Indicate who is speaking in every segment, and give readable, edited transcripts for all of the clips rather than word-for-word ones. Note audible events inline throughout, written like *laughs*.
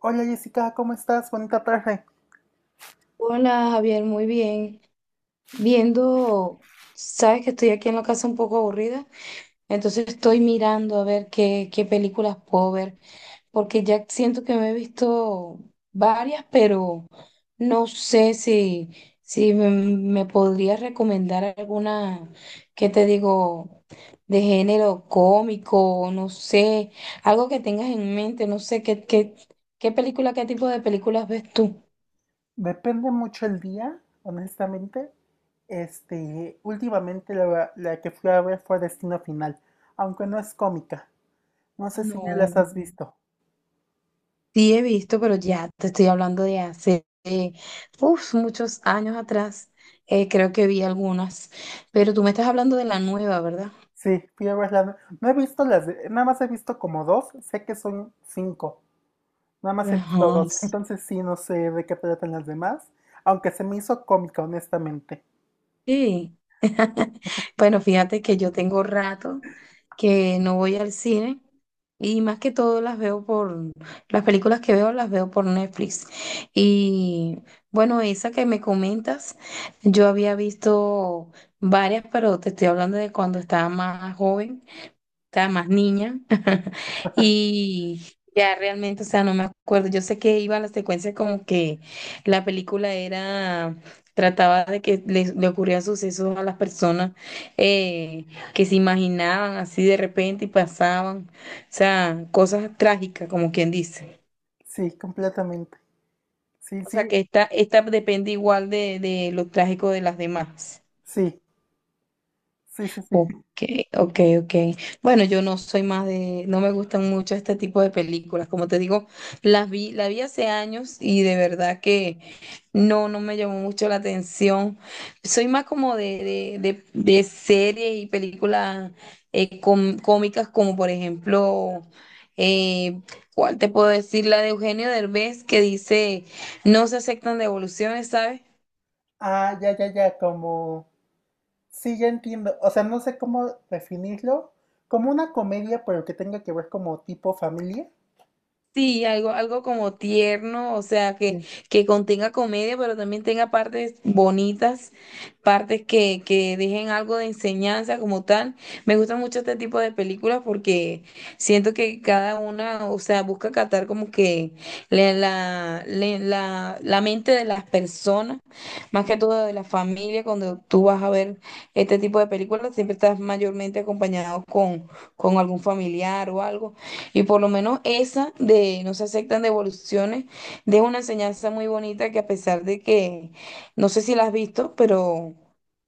Speaker 1: Hola Jessica, ¿cómo estás? Bonita tarde.
Speaker 2: Hola Javier, muy bien. Viendo, sabes que estoy aquí en la casa un poco aburrida, entonces estoy mirando a ver qué películas puedo ver, porque ya siento que me he visto varias, pero no sé si, si me podrías recomendar alguna, qué te digo, de género cómico, no sé, algo que tengas en mente, no sé, qué película, qué tipo de películas ves tú.
Speaker 1: Depende mucho el día, honestamente. Últimamente la que fui a ver fue Destino Final, aunque no es cómica. No sé si ya las
Speaker 2: No.
Speaker 1: has visto.
Speaker 2: Sí, he visto, pero ya te estoy hablando de hace uf, muchos años atrás. Creo que vi algunas, pero tú me estás hablando de la nueva, ¿verdad?
Speaker 1: Sí, fui a verla. No, he visto nada más he visto como dos, sé que son cinco, nada más he visto
Speaker 2: Ajá,
Speaker 1: dos, *laughs* entonces sí, no sé de qué tratan las demás, aunque se me hizo cómica, honestamente.
Speaker 2: sí. *laughs* Bueno, fíjate que yo tengo rato que no voy al cine y más que todo las veo por, las películas que veo las veo por Netflix. Y bueno, esa que me comentas, yo había visto varias, pero te estoy hablando de cuando estaba más joven. Estaba más niña *laughs* y ya realmente, o sea, no me acuerdo. Yo sé que iba a la secuencia como que la película era, trataba de que le ocurrían sucesos a las personas, eh, que se imaginaban así de repente y pasaban, o sea, cosas trágicas, como quien dice.
Speaker 1: Sí, completamente. Sí,
Speaker 2: O sea,
Speaker 1: sí,
Speaker 2: que esta depende igual de lo trágico de las demás.
Speaker 1: sí, sí, sí, sí.
Speaker 2: Ok,
Speaker 1: *laughs*
Speaker 2: ok, ok. Bueno, yo no soy más de, no me gustan mucho este tipo de películas. Como te digo, las vi, la vi hace años y de verdad que no me llamó mucho la atención. Soy más como de series y películas cómicas, como por ejemplo, eh, ¿cuál te puedo decir? La de Eugenio Derbez que dice, no se aceptan devoluciones, ¿sabes?
Speaker 1: Ah, ya, ya, ya, como... Sí, ya entiendo. O sea, no sé cómo definirlo. Como una comedia, pero que tenga que ver como tipo familia.
Speaker 2: Sí, algo como tierno, o sea,
Speaker 1: Sí.
Speaker 2: que contenga comedia, pero también tenga partes bonitas, partes que dejen algo de enseñanza como tal. Me gusta mucho este tipo de películas porque siento que cada una, o sea, busca captar como que la mente de las personas, más que todo de la familia, cuando tú vas a ver este tipo de películas, siempre estás mayormente acompañado con algún familiar o algo. Y por lo menos esa de no se aceptan devoluciones, deja una enseñanza muy bonita que a pesar de que, no sé si la has visto, pero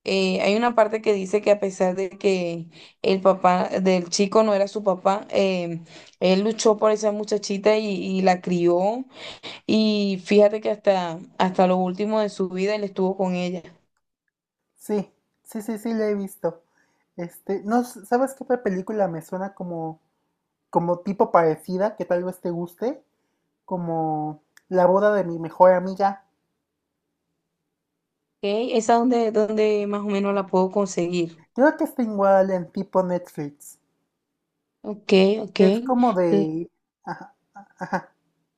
Speaker 2: hay una parte que dice que a pesar de que el papá del chico no era su papá, él luchó por esa muchachita y la crió. Y fíjate que hasta lo último de su vida él estuvo con ella.
Speaker 1: Sí, sí, sí, sí, la he visto. No, ¿sabes qué otra película me suena como, como tipo parecida, que tal vez te guste? Como La boda de mi mejor amiga.
Speaker 2: Ok, esa es donde, donde más o menos la puedo conseguir.
Speaker 1: Creo que está igual en tipo Netflix.
Speaker 2: Ok, ok.
Speaker 1: Es como de... Ajá, ajá,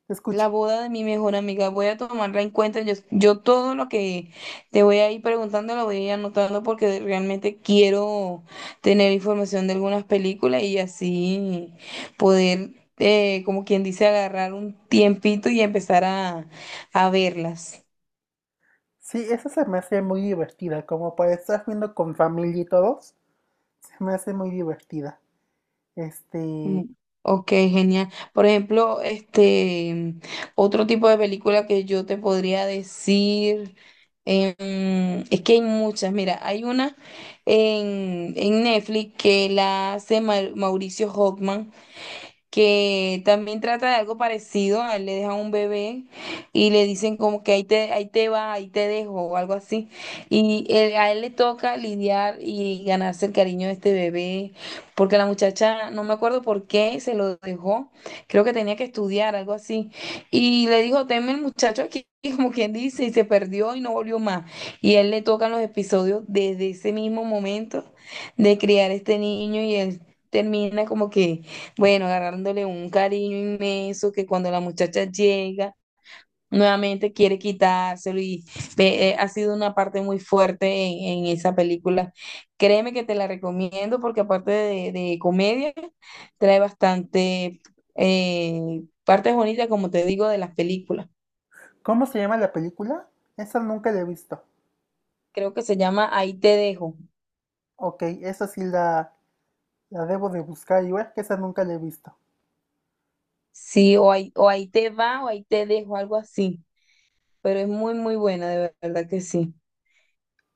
Speaker 1: te
Speaker 2: La
Speaker 1: escucho.
Speaker 2: boda de mi mejor amiga, voy a tomarla en cuenta. Yo todo lo que te voy a ir preguntando lo voy a ir anotando porque realmente quiero tener información de algunas películas y así poder, como quien dice, agarrar un tiempito y empezar a verlas.
Speaker 1: Sí, esa se me hace muy divertida, como para estar viendo con familia y todos, se me hace muy divertida. Este,
Speaker 2: Mm, ok, genial. Por ejemplo, este otro tipo de película que yo te podría decir, es que hay muchas. Mira, hay una en Netflix que la hace Mauricio Hockman que también trata de algo parecido, a él le dejan un bebé y le dicen como que ahí te va, ahí te dejo o algo así. Y a él le toca lidiar y ganarse el cariño de este bebé, porque la muchacha, no me acuerdo por qué, se lo dejó, creo que tenía que estudiar, algo así. Y le dijo, teme el muchacho aquí. *laughs* Como quien dice, y se perdió y no volvió más. Y a él le tocan los episodios desde ese mismo momento de criar este niño y él termina como que bueno, agarrándole un cariño inmenso que cuando la muchacha llega, nuevamente quiere quitárselo y ha sido una parte muy fuerte en esa película. Créeme que te la recomiendo porque aparte de comedia, trae bastante eh, partes bonitas, como te digo, de las películas.
Speaker 1: ¿Cómo se llama la película? Esa nunca la he visto.
Speaker 2: Creo que se llama Ahí te dejo.
Speaker 1: Ok, la debo de buscar y ver que esa nunca la he visto.
Speaker 2: Sí, o ahí te va o ahí te dejo, algo así. Pero es muy, muy buena, de verdad que sí.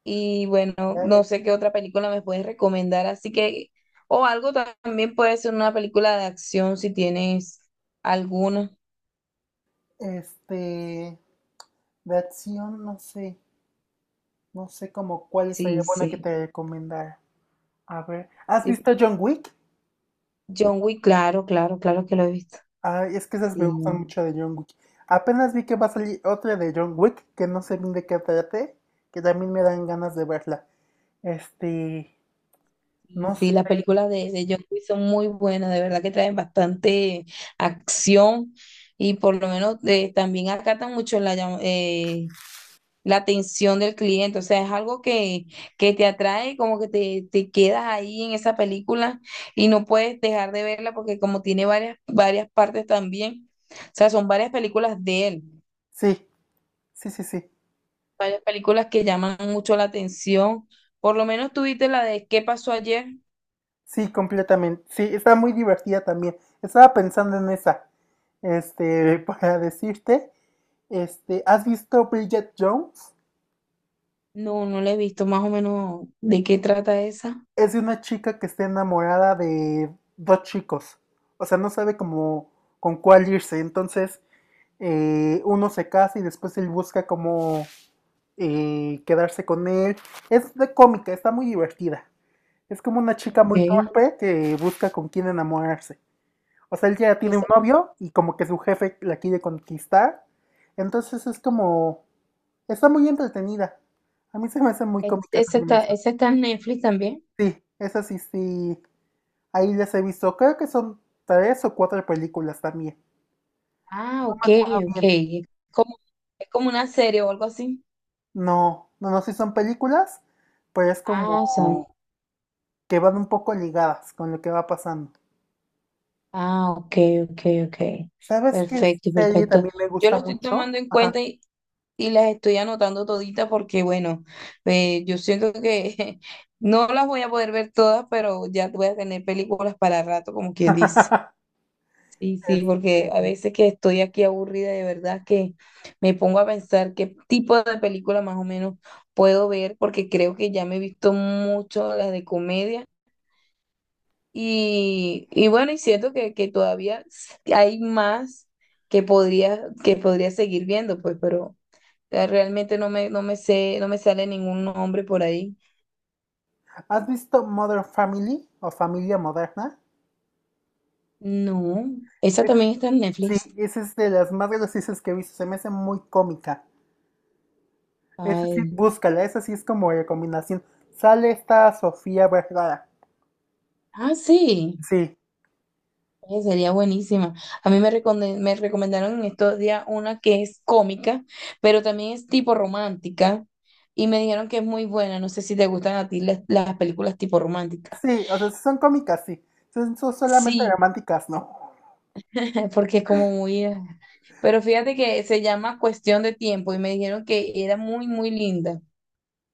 Speaker 2: Y bueno,
Speaker 1: Ya,
Speaker 2: no sé
Speaker 1: ya.
Speaker 2: qué otra película me puedes recomendar, así que, o algo también puede ser una película de acción si tienes alguna.
Speaker 1: Este, de acción, no sé, no sé como cuál sería
Speaker 2: Sí,
Speaker 1: buena que
Speaker 2: sí.
Speaker 1: te recomendara. A ver, ¿has
Speaker 2: Sí.
Speaker 1: visto John Wick?
Speaker 2: John Wick, claro, claro, claro que lo he visto.
Speaker 1: Ah, es que esas me
Speaker 2: Sí,
Speaker 1: gustan mucho de John Wick. Apenas vi que va a salir otra de John Wick, que no sé bien de qué trate, que también me dan ganas de verla. Este,
Speaker 2: y
Speaker 1: no
Speaker 2: sí, las
Speaker 1: sé.
Speaker 2: películas de John Wick son muy buenas, de verdad que traen bastante acción y por lo menos también acatan mucho la, la atención del cliente, o sea, es algo que te atrae, como que te quedas ahí en esa película y no puedes dejar de verla porque como tiene varias, varias partes también, o sea, son varias películas de él,
Speaker 1: Sí, sí, sí, sí.
Speaker 2: varias películas que llaman mucho la atención. Por lo menos tuviste la de ¿Qué pasó ayer?
Speaker 1: Sí, completamente. Sí, está muy divertida también. Estaba pensando en esa. *laughs* Para decirte, ¿has visto Bridget Jones?
Speaker 2: No, no la he visto, más o menos de qué trata esa.
Speaker 1: Es de una chica que está enamorada de dos chicos. O sea, no sabe cómo con cuál irse. Entonces, uno se casa y después él busca cómo quedarse con él. Es de cómica, está muy divertida. Es como una chica muy
Speaker 2: Ok.
Speaker 1: torpe que busca con quién enamorarse. O sea, él ya tiene un
Speaker 2: Esa,
Speaker 1: novio y como que su jefe la quiere conquistar. Entonces es como, está muy entretenida. A mí se me hace muy cómica también eso.
Speaker 2: esa está en Netflix también.
Speaker 1: Sí, esa sí, sí. Ahí les he visto, creo que son tres o cuatro películas también.
Speaker 2: Ah,
Speaker 1: No me
Speaker 2: ok,
Speaker 1: acuerdo
Speaker 2: ok.
Speaker 1: bien.
Speaker 2: Como, es como una serie o algo así.
Speaker 1: No, no, no, sí son películas, pero es
Speaker 2: Ah, o sea,
Speaker 1: como que van un poco ligadas con lo que va pasando.
Speaker 2: ah, ok, ok, ok.
Speaker 1: ¿Sabes qué
Speaker 2: Perfecto,
Speaker 1: serie
Speaker 2: perfecto.
Speaker 1: también me
Speaker 2: Yo
Speaker 1: gusta
Speaker 2: lo estoy tomando
Speaker 1: mucho?
Speaker 2: en
Speaker 1: Ajá.
Speaker 2: cuenta y las estoy anotando toditas porque, bueno, yo siento que *laughs* no las voy a poder ver todas, pero ya voy a tener películas para rato, como quien dice.
Speaker 1: *laughs*
Speaker 2: Sí, sí, porque a
Speaker 1: Este,
Speaker 2: veces que estoy aquí aburrida, de verdad que me pongo a pensar qué tipo de película más o menos puedo ver, porque creo que ya me he visto mucho las de comedia y bueno, y siento que todavía hay más que podría seguir viendo, pues, pero realmente no me sé, no me sale ningún nombre por ahí.
Speaker 1: ¿has visto Modern Family o Familia Moderna?
Speaker 2: No, esa
Speaker 1: Es-
Speaker 2: también está en Netflix.
Speaker 1: sí, esa es de las más graciosas que he visto. Se me hace muy cómica. Esa sí,
Speaker 2: Ay,
Speaker 1: búscala. Esa sí es como recomendación. Sale esta Sofía Vergara.
Speaker 2: ah, sí,
Speaker 1: Sí,
Speaker 2: sería buenísima. A mí me recomendaron en estos días una que es cómica, pero también es tipo romántica. Y me dijeron que es muy buena. No sé si te gustan a ti las películas tipo románticas.
Speaker 1: sí, o sea, son cómicas, sí. Son solamente
Speaker 2: Sí,
Speaker 1: románticas, ¿no?
Speaker 2: *laughs* porque es como muy... ah. Pero fíjate que se llama Cuestión de Tiempo y me dijeron que era muy, muy linda,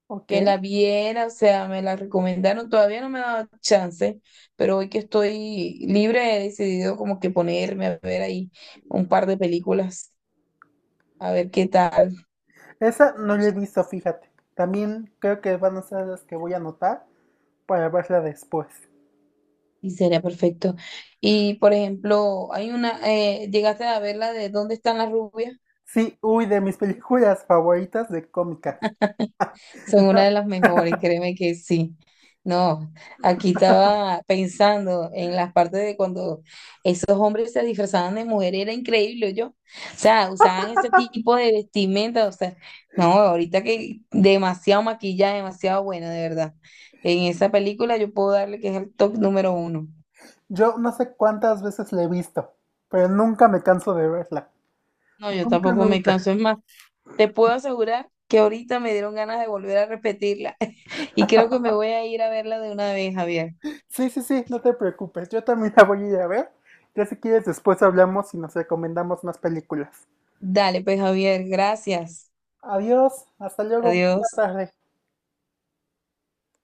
Speaker 1: Ok.
Speaker 2: que la viera, o sea, me la recomendaron, todavía no me ha dado chance, pero hoy que estoy libre he decidido como que ponerme a ver ahí un par de películas, a ver qué tal,
Speaker 1: Esa no la he visto, fíjate. También creo que van a ser las que voy a anotar para verla después.
Speaker 2: y sería perfecto. Y por ejemplo, hay una, llegaste a ver la de ¿Dónde están las rubias?
Speaker 1: Sí, uy, de mis *laughs* películas favoritas de cómicas.
Speaker 2: Son una de
Speaker 1: Está.
Speaker 2: las mejores, créeme que sí. No, aquí estaba pensando en las partes de cuando esos hombres se disfrazaban de mujer, era increíble, yo. O sea, usaban ese tipo de vestimenta, o sea, no, ahorita que demasiado maquillaje, demasiado bueno, de verdad. En esa película yo puedo darle que es el top número uno.
Speaker 1: Yo no sé cuántas veces la he visto, pero nunca me canso de verla.
Speaker 2: No, yo
Speaker 1: Nunca,
Speaker 2: tampoco me
Speaker 1: nunca.
Speaker 2: canso, es más, te puedo asegurar que ahorita me dieron ganas de volver a repetirla *laughs* y creo que me voy a ir a verla de una vez, Javier.
Speaker 1: Sí, sí, sí, no te preocupes. Yo también la voy a ir a ver. Ya si quieres, después hablamos y nos recomendamos más películas.
Speaker 2: Dale, pues Javier, gracias.
Speaker 1: Adiós, hasta luego, buena
Speaker 2: Adiós.
Speaker 1: tarde.